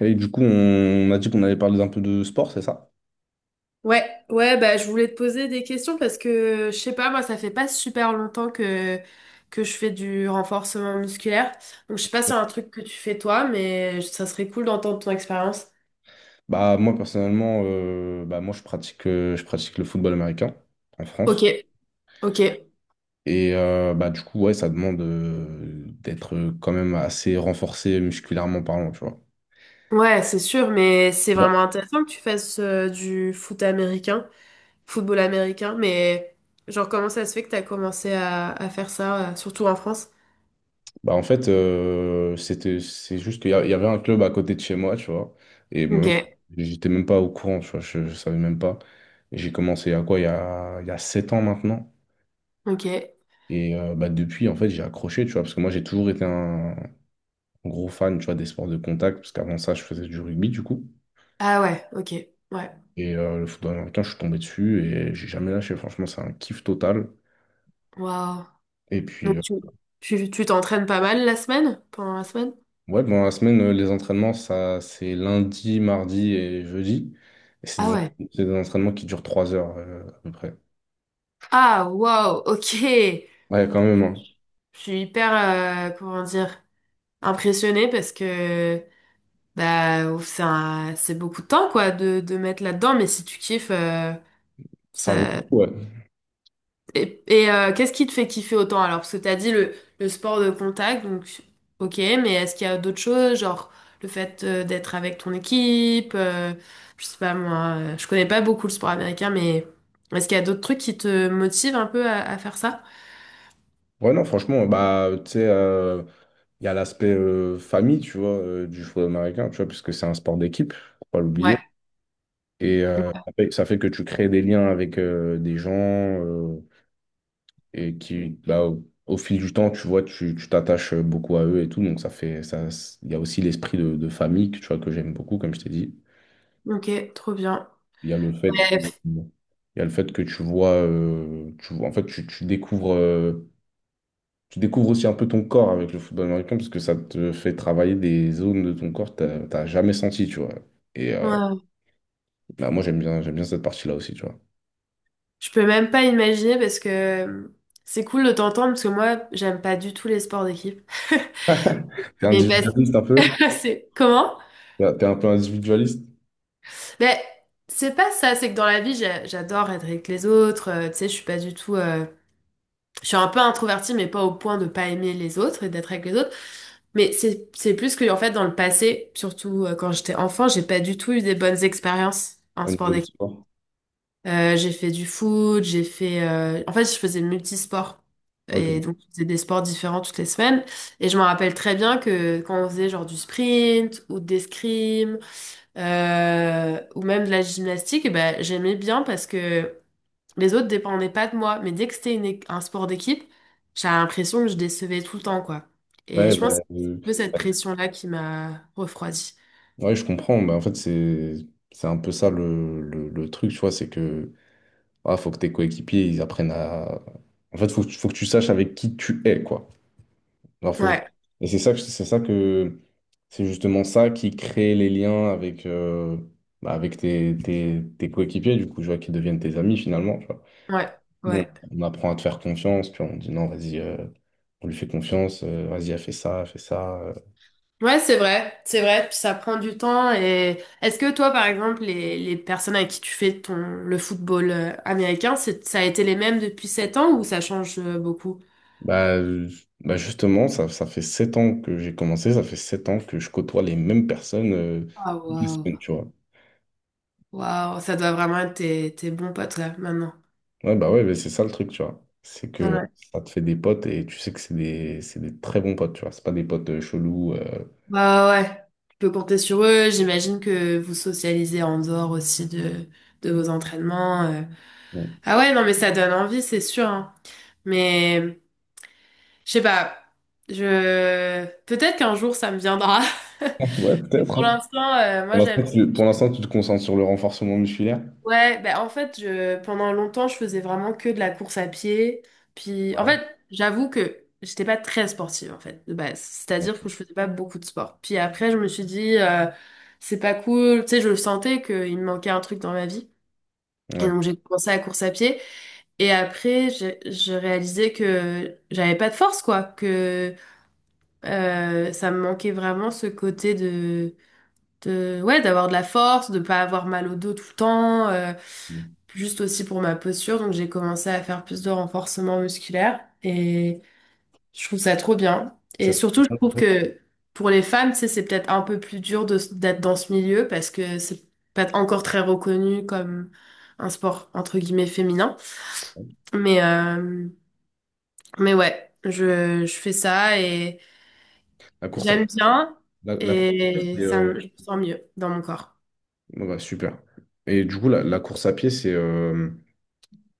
Et du coup, on a dit qu'on allait parler un peu de sport, c'est ça? Ouais, ouais, bah, je voulais te poser des questions parce que, je sais pas, moi, ça fait pas super longtemps que je fais du renforcement musculaire. Donc, je sais pas si c'est un truc que tu fais toi, mais ça serait cool d'entendre ton expérience. Bah moi personnellement, bah moi je pratique le football américain en Ok, France. ok. Bah du coup, ouais, ça demande d'être quand même assez renforcé musculairement parlant, tu vois. Ouais, c'est sûr, mais c'est Bah, vraiment intéressant que tu fasses du football américain, mais genre, comment ça se fait que t'as commencé à faire ça, surtout en France? En fait, c'est juste il y avait un club à côté de chez moi, tu vois. Et Ok, moi, j'étais même pas au courant, tu vois, je savais même pas. Et j'ai commencé à quoi, il y a 7 ans maintenant. ok. Bah, depuis, en fait, j'ai accroché, tu vois, parce que moi, j'ai toujours été un gros fan, tu vois, des sports de contact, parce qu'avant ça, je faisais du rugby, du coup. Ah ouais, ok, ouais. Le football américain, je suis tombé dessus et j'ai jamais lâché. Franchement, c'est un kiff total. Waouh. Et Donc puis, euh, tu t'entraînes pas mal la semaine, pendant la semaine? ouais, bon, la semaine, les entraînements, ça, c'est lundi, mardi et jeudi. Et Ah ouais. c'est des entraînements qui durent 3 heures, à peu près. Ah, waouh, ok. Ouais, quand même, hein. Je suis hyper, comment dire, impressionnée parce que bah, ouf, c'est beaucoup de temps quoi de mettre là-dedans, mais si tu kiffes, Ça vaut le ça. coup, ouais. Et qu'est-ce qui te fait kiffer autant alors? Parce que t'as dit le sport de contact, donc ok, mais est-ce qu'il y a d'autres choses, genre le fait d'être avec ton équipe, je sais pas moi, je connais pas beaucoup le sport américain, mais est-ce qu'il y a d'autres trucs qui te motivent un peu à faire ça? Ouais, non, franchement, bah, tu sais, il y a l'aspect famille, tu vois, du football américain, tu vois, puisque c'est un sport d'équipe, faut pas l'oublier. Ouais, ça fait que tu crées des liens avec des gens et qui, bah, au fil du temps, tu vois, tu t'attaches beaucoup à eux et tout. Donc, ça fait ça, il y a aussi l'esprit de famille que, tu vois, que j'aime beaucoup, comme je t'ai dit. ok, trop bien. Il y a le fait que, Bref, il y a le fait que tu vois, en fait, tu découvres aussi un peu ton corps avec le football américain parce que ça te fait travailler des zones de ton corps que t'as jamais senti, tu vois. Et euh, ouais. bah, moi, j'aime bien cette partie-là aussi, tu vois. Je peux même pas imaginer parce que c'est cool de t'entendre parce que moi j'aime pas du tout les sports d'équipe. T'es Mais parce individualiste un peu? que c'est comment? T'es un peu individualiste Mais c'est pas ça, c'est que dans la vie, j'adore être avec les autres. Tu sais, je suis pas du tout. Je suis un peu introvertie, mais pas au point de pas aimer les autres et d'être avec les autres. Mais c'est plus que en fait, dans le passé, surtout quand j'étais enfant, j'ai pas du tout eu des bonnes expériences en au sport niveau du d'équipe. sport? J'ai fait du foot, j'ai fait. En fait, je faisais multisport. Et Ok. donc, je faisais des sports différents toutes les semaines. Et je me rappelle très bien que quand on faisait genre du sprint ou des l'escrime ou même de la gymnastique, eh ben, j'aimais bien parce que les autres dépendaient pas de moi. Mais dès que c'était un sport d'équipe, j'avais l'impression que je décevais tout le temps, quoi. Et Ouais, je pense que c'est un euh, peu cette ouais, pression-là qui m'a refroidie. ouais, je comprends. Bah, en fait, c'est un peu ça le, le truc, tu vois, c'est que ah, faut que tes coéquipiers ils apprennent à. En fait, faut que tu saches avec qui tu es, quoi. Alors, faut- Ouais, Et c'est justement ça qui crée les liens avec bah, avec tes, tes coéquipiers, du coup, tu vois, qui deviennent tes amis finalement. ouais, Bon, ouais. on apprend à te faire confiance, puis on dit non, vas-y, on lui fait confiance, vas-y, elle fait ça, elle fait ça. Ouais, c'est vrai, puis ça prend du temps. Et est-ce que toi, par exemple, les personnes avec qui tu fais le football américain, ça a été les mêmes depuis 7 ans ou ça change beaucoup? Bah, euh, bah justement, ça fait 7 ans que j'ai commencé, ça fait sept ans que je côtoie les mêmes personnes Ah, toutes les waouh, semaines, tu vois. waouh, ça doit vraiment être tes bons potes là, maintenant. Ouais, bah ouais, mais c'est ça le truc, tu vois. C'est que Ouais. ça te fait des potes et tu sais que c'est des très bons potes, tu vois. C'est pas des potes chelous. Bah ouais, tu peux compter sur eux. J'imagine que vous socialisez en dehors aussi de vos entraînements. bon. Ah ouais, non, mais ça donne envie, c'est sûr, hein. Mais je sais pas. Je peut-être qu'un jour ça me viendra. Ouais, Mais peut-être. pour Hein. l'instant, moi Pour l'instant, j'aime. Pour l'instant, tu te concentres sur le renforcement musculaire. Ouais, ben en fait, pendant longtemps, je faisais vraiment que de la course à pied. Puis, en Ouais. fait, j'avoue que j'étais pas très sportive, en fait, de base. Ouais. C'est-à-dire que je faisais pas beaucoup de sport. Puis après, je me suis dit, c'est pas cool. Tu sais, je le sentais qu'il me manquait un truc dans ma vie. Et Ouais. donc, j'ai commencé la course à pied. Et après, j'ai je réalisais que j'avais pas de force, quoi. Que Ça me manquait vraiment ce côté ouais, d'avoir de la force, de pas avoir mal au dos tout le temps, juste aussi pour ma posture. Donc j'ai commencé à faire plus de renforcement musculaire et je trouve ça trop bien. Ça, Et surtout, je trouve que pour les femmes, tu sais, c'est peut-être un peu plus dur d'être dans ce milieu parce que c'est pas encore très reconnu comme un sport entre guillemets féminin. Mais, euh, mais ouais, je fais ça et La course à j'aime bien la, la course à pied, et c'est ça me, je me sens mieux dans mon corps. bon, bah, super. Et du coup, la course à pied,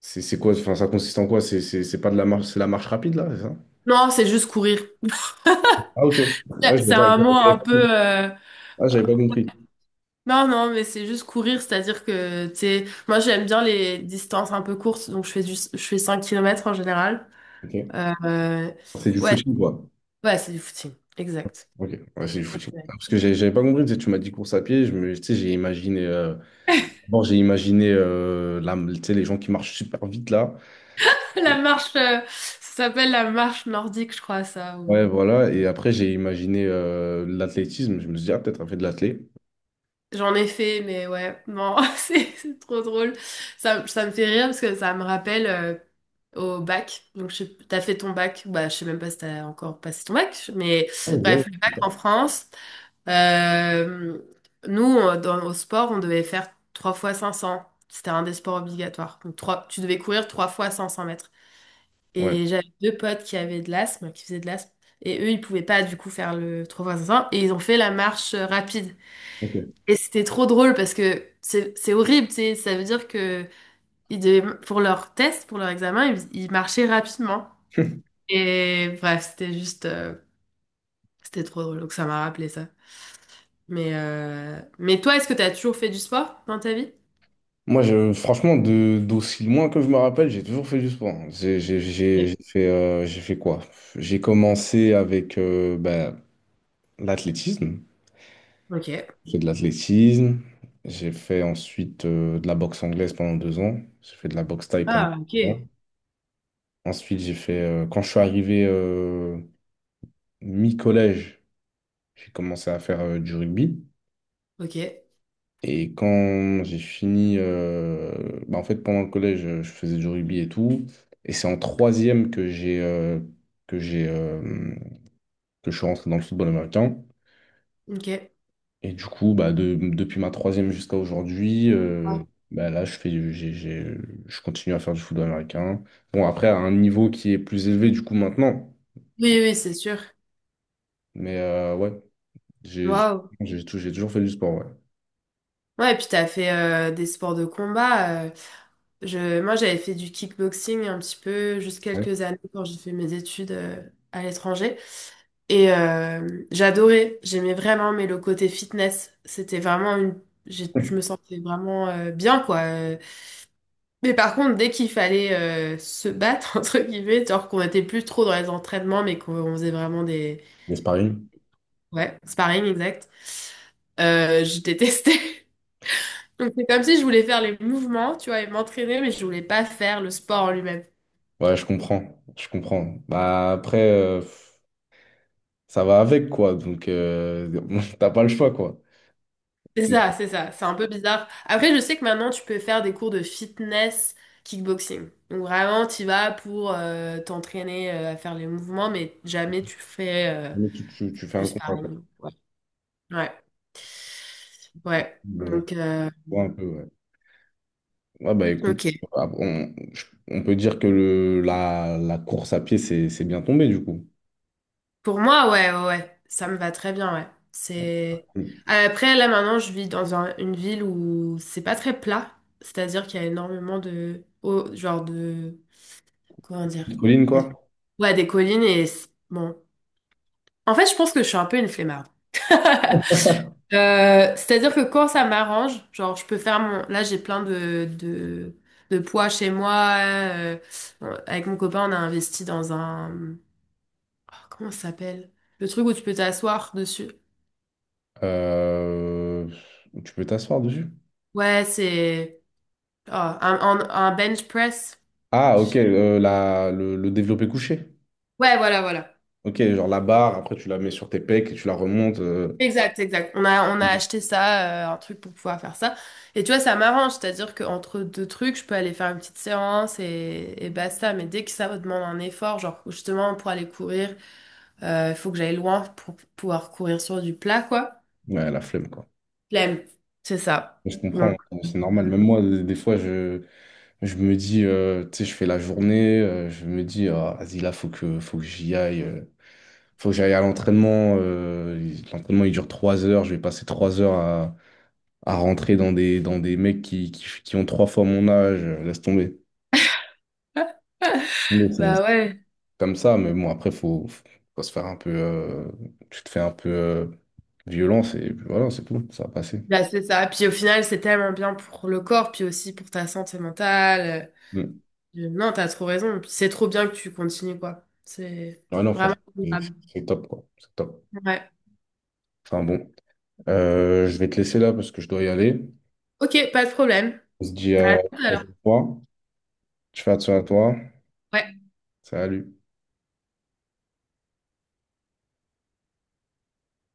c'est quoi? Enfin, ça consiste en quoi? C'est pas de la marche, c'est la marche rapide, là, c'est ça? Non, c'est juste courir. Ah, ok. Ah, C'est un mot un j'avais pas compris. peu. Ah, j'avais pas compris. Non, non, mais c'est juste courir, c'est-à-dire que, tu sais, moi j'aime bien les distances un peu courtes, donc je fais 5 kilomètres en général. Ok. Euh, C'est du Ouais, footing, quoi. ouais, c'est du footing, exact. Ok, ouais, c'est du footing. Ah, Ouais. parce que j'avais pas compris, tu sais, tu m'as dit course à pied, tu sais, j'ai imaginé, d'abord j'ai imaginé tu sais, les gens qui marchent super vite là, La marche, ça s'appelle la marche nordique, je crois, ça. ouais voilà, et après j'ai imaginé l'athlétisme, je me suis dit, ah peut-être elle fait de l'athlé. J'en ai fait, mais ouais, non, c'est trop drôle. Ça me fait rire parce que ça me rappelle au bac. Donc, t'as fait ton bac, bah, je sais même pas si t'as encore passé ton bac, mais Ah, ouais, ouais, bref, le c'est bac ça. en France. Euh, nous, au sport, on devait faire 3 fois 500. C'était un des sports obligatoires. Donc, tu devais courir 3 fois 500 mètres. Ouais, Et j'avais deux potes qui avaient de l'asthme, qui faisaient de l'asthme. Et eux, ils pouvaient pas du coup faire le 3 fois 500. Et ils ont fait la marche rapide. ok. Et c'était trop drôle parce que c'est horrible, tu sais. Ça veut dire que pour leur test, pour leur examen, ils marchaient rapidement. Et bref, c'était c'était trop drôle. Donc ça m'a rappelé ça. Mais toi, est-ce que tu as toujours fait du sport dans ta vie? Moi, franchement, d'aussi loin que je me rappelle, j'ai toujours fait du sport. Hein. Ouais. J'ai fait quoi? J'ai commencé avec ben, l'athlétisme. Ok. J'ai fait de l'athlétisme. J'ai fait ensuite de la boxe anglaise pendant 2 ans. J'ai fait de la boxe thaï pendant Ah, 2 ans. ok. Ensuite, j'ai fait, quand je suis arrivé mi-collège, j'ai commencé à faire du rugby. Ok. Et quand j'ai fini, bah, en fait, pendant le collège, je faisais du rugby et tout. Et c'est en troisième que j'ai que je suis rentré dans le football américain. Ok. Ouais. Et du coup, bah, depuis ma troisième jusqu'à aujourd'hui, bah, là, je fais, du- j'ai- je continue à faire du football américain. Bon, après, à un niveau qui est plus élevé du coup maintenant. Oui, oui, c'est sûr. Mais ouais, j'ai Waouh. J'ai toujours fait du sport, ouais. Ouais, et puis t'as fait des sports de combat. Moi, j'avais fait du kickboxing un petit peu, juste Ouais. quelques années quand j'ai fait mes études à l'étranger. Et j'adorais. J'aimais vraiment, mais le côté fitness, c'était vraiment une. Je me sentais vraiment bien, quoi. Mais par contre, dès qu'il fallait se battre, entre guillemets, genre qu'on était plus trop dans les entraînements, mais qu'on on faisait vraiment des... Les sparring? Ouais, sparring, exact. Je détestais. Donc c'est comme si je voulais faire les mouvements, tu vois, et m'entraîner, mais je voulais pas faire le sport en lui-même. Ouais, je comprends. Je comprends. Bah après. Ça va avec, quoi. Donc, t'as pas le choix, quoi. C'est ça, c'est ça. C'est un peu bizarre. Après, je sais que maintenant, tu peux faire des cours de fitness kickboxing. Donc vraiment, tu vas pour t'entraîner à faire les mouvements, mais jamais tu fais Mais tu fais du un combat, quoi. sparring. Ouais. Ouais. Ouais. Euh, Donc, je vois un peu, ouais. Ouais, bah écoute, ok. ah, on peut dire que la course à pied, c'est bien tombé, du coup. Pour moi, ouais, ouais, ouais. Ça me va très bien, ouais. C'est... Une Après, là, maintenant, je vis dans une ville où c'est pas très plat. C'est-à-dire qu'il y a énormément de... oh, genre de... Comment dire? petite colline, quoi. Ouais, des collines et... Bon. En fait, je pense que je suis un peu une flemmarde. C'est-à-dire que quand ça m'arrange, genre je peux faire mon... Là j'ai plein de poids chez moi. Bon, avec mon copain on a investi dans un... oh, comment ça s'appelle? Le truc où tu peux t'asseoir dessus. Euh, tu peux t'asseoir dessus. Ouais c'est... oh, un bench press. Ah, ok, le développé couché. Ouais voilà voilà. Ok, genre la barre, après tu la mets sur tes pecs et tu la remontes. Exact, exact. On a acheté ça, un truc pour pouvoir faire ça. Et tu vois, ça m'arrange, c'est-à-dire qu'entre deux trucs, je peux aller faire une petite séance et basta. Mais dès que ça me demande un effort, genre justement pour aller courir. Il faut que j'aille loin pour pouvoir courir sur du plat, quoi. Ouais, la flemme, quoi. Flemme. C'est ça. Je Donc, comprends, c'est normal. Même moi, des fois, je me dis, tu sais, je fais la journée, je me dis, ah, vas-y, là, faut que j'y aille, faut que j'aille à l'entraînement. L'entraînement, il dure 3 heures, je vais passer 3 heures à rentrer dans dans des mecs qui, qui ont trois fois mon âge, laisse tomber. Bon, c'est bah ouais. comme ça, mais bon, après, faut se faire un peu, tu te fais un peu violence et puis voilà, c'est tout, ça va passer. Bah, c'est ça. Puis au final, c'est tellement bien pour le corps, puis aussi pour ta santé mentale. Mm. Non, t'as trop raison. Puis c'est trop bien que tu continues, quoi. C'est Ouais, non, vraiment franchement, c'est admirable. c'est top, quoi, c'est top. Ouais. Enfin bon, euh, je vais te laisser là parce que je dois y aller. Ok, pas de problème. On se dit Bah, à à tout à la l'heure. prochaine fois. Je fais attention à toi. Ouais. Salut.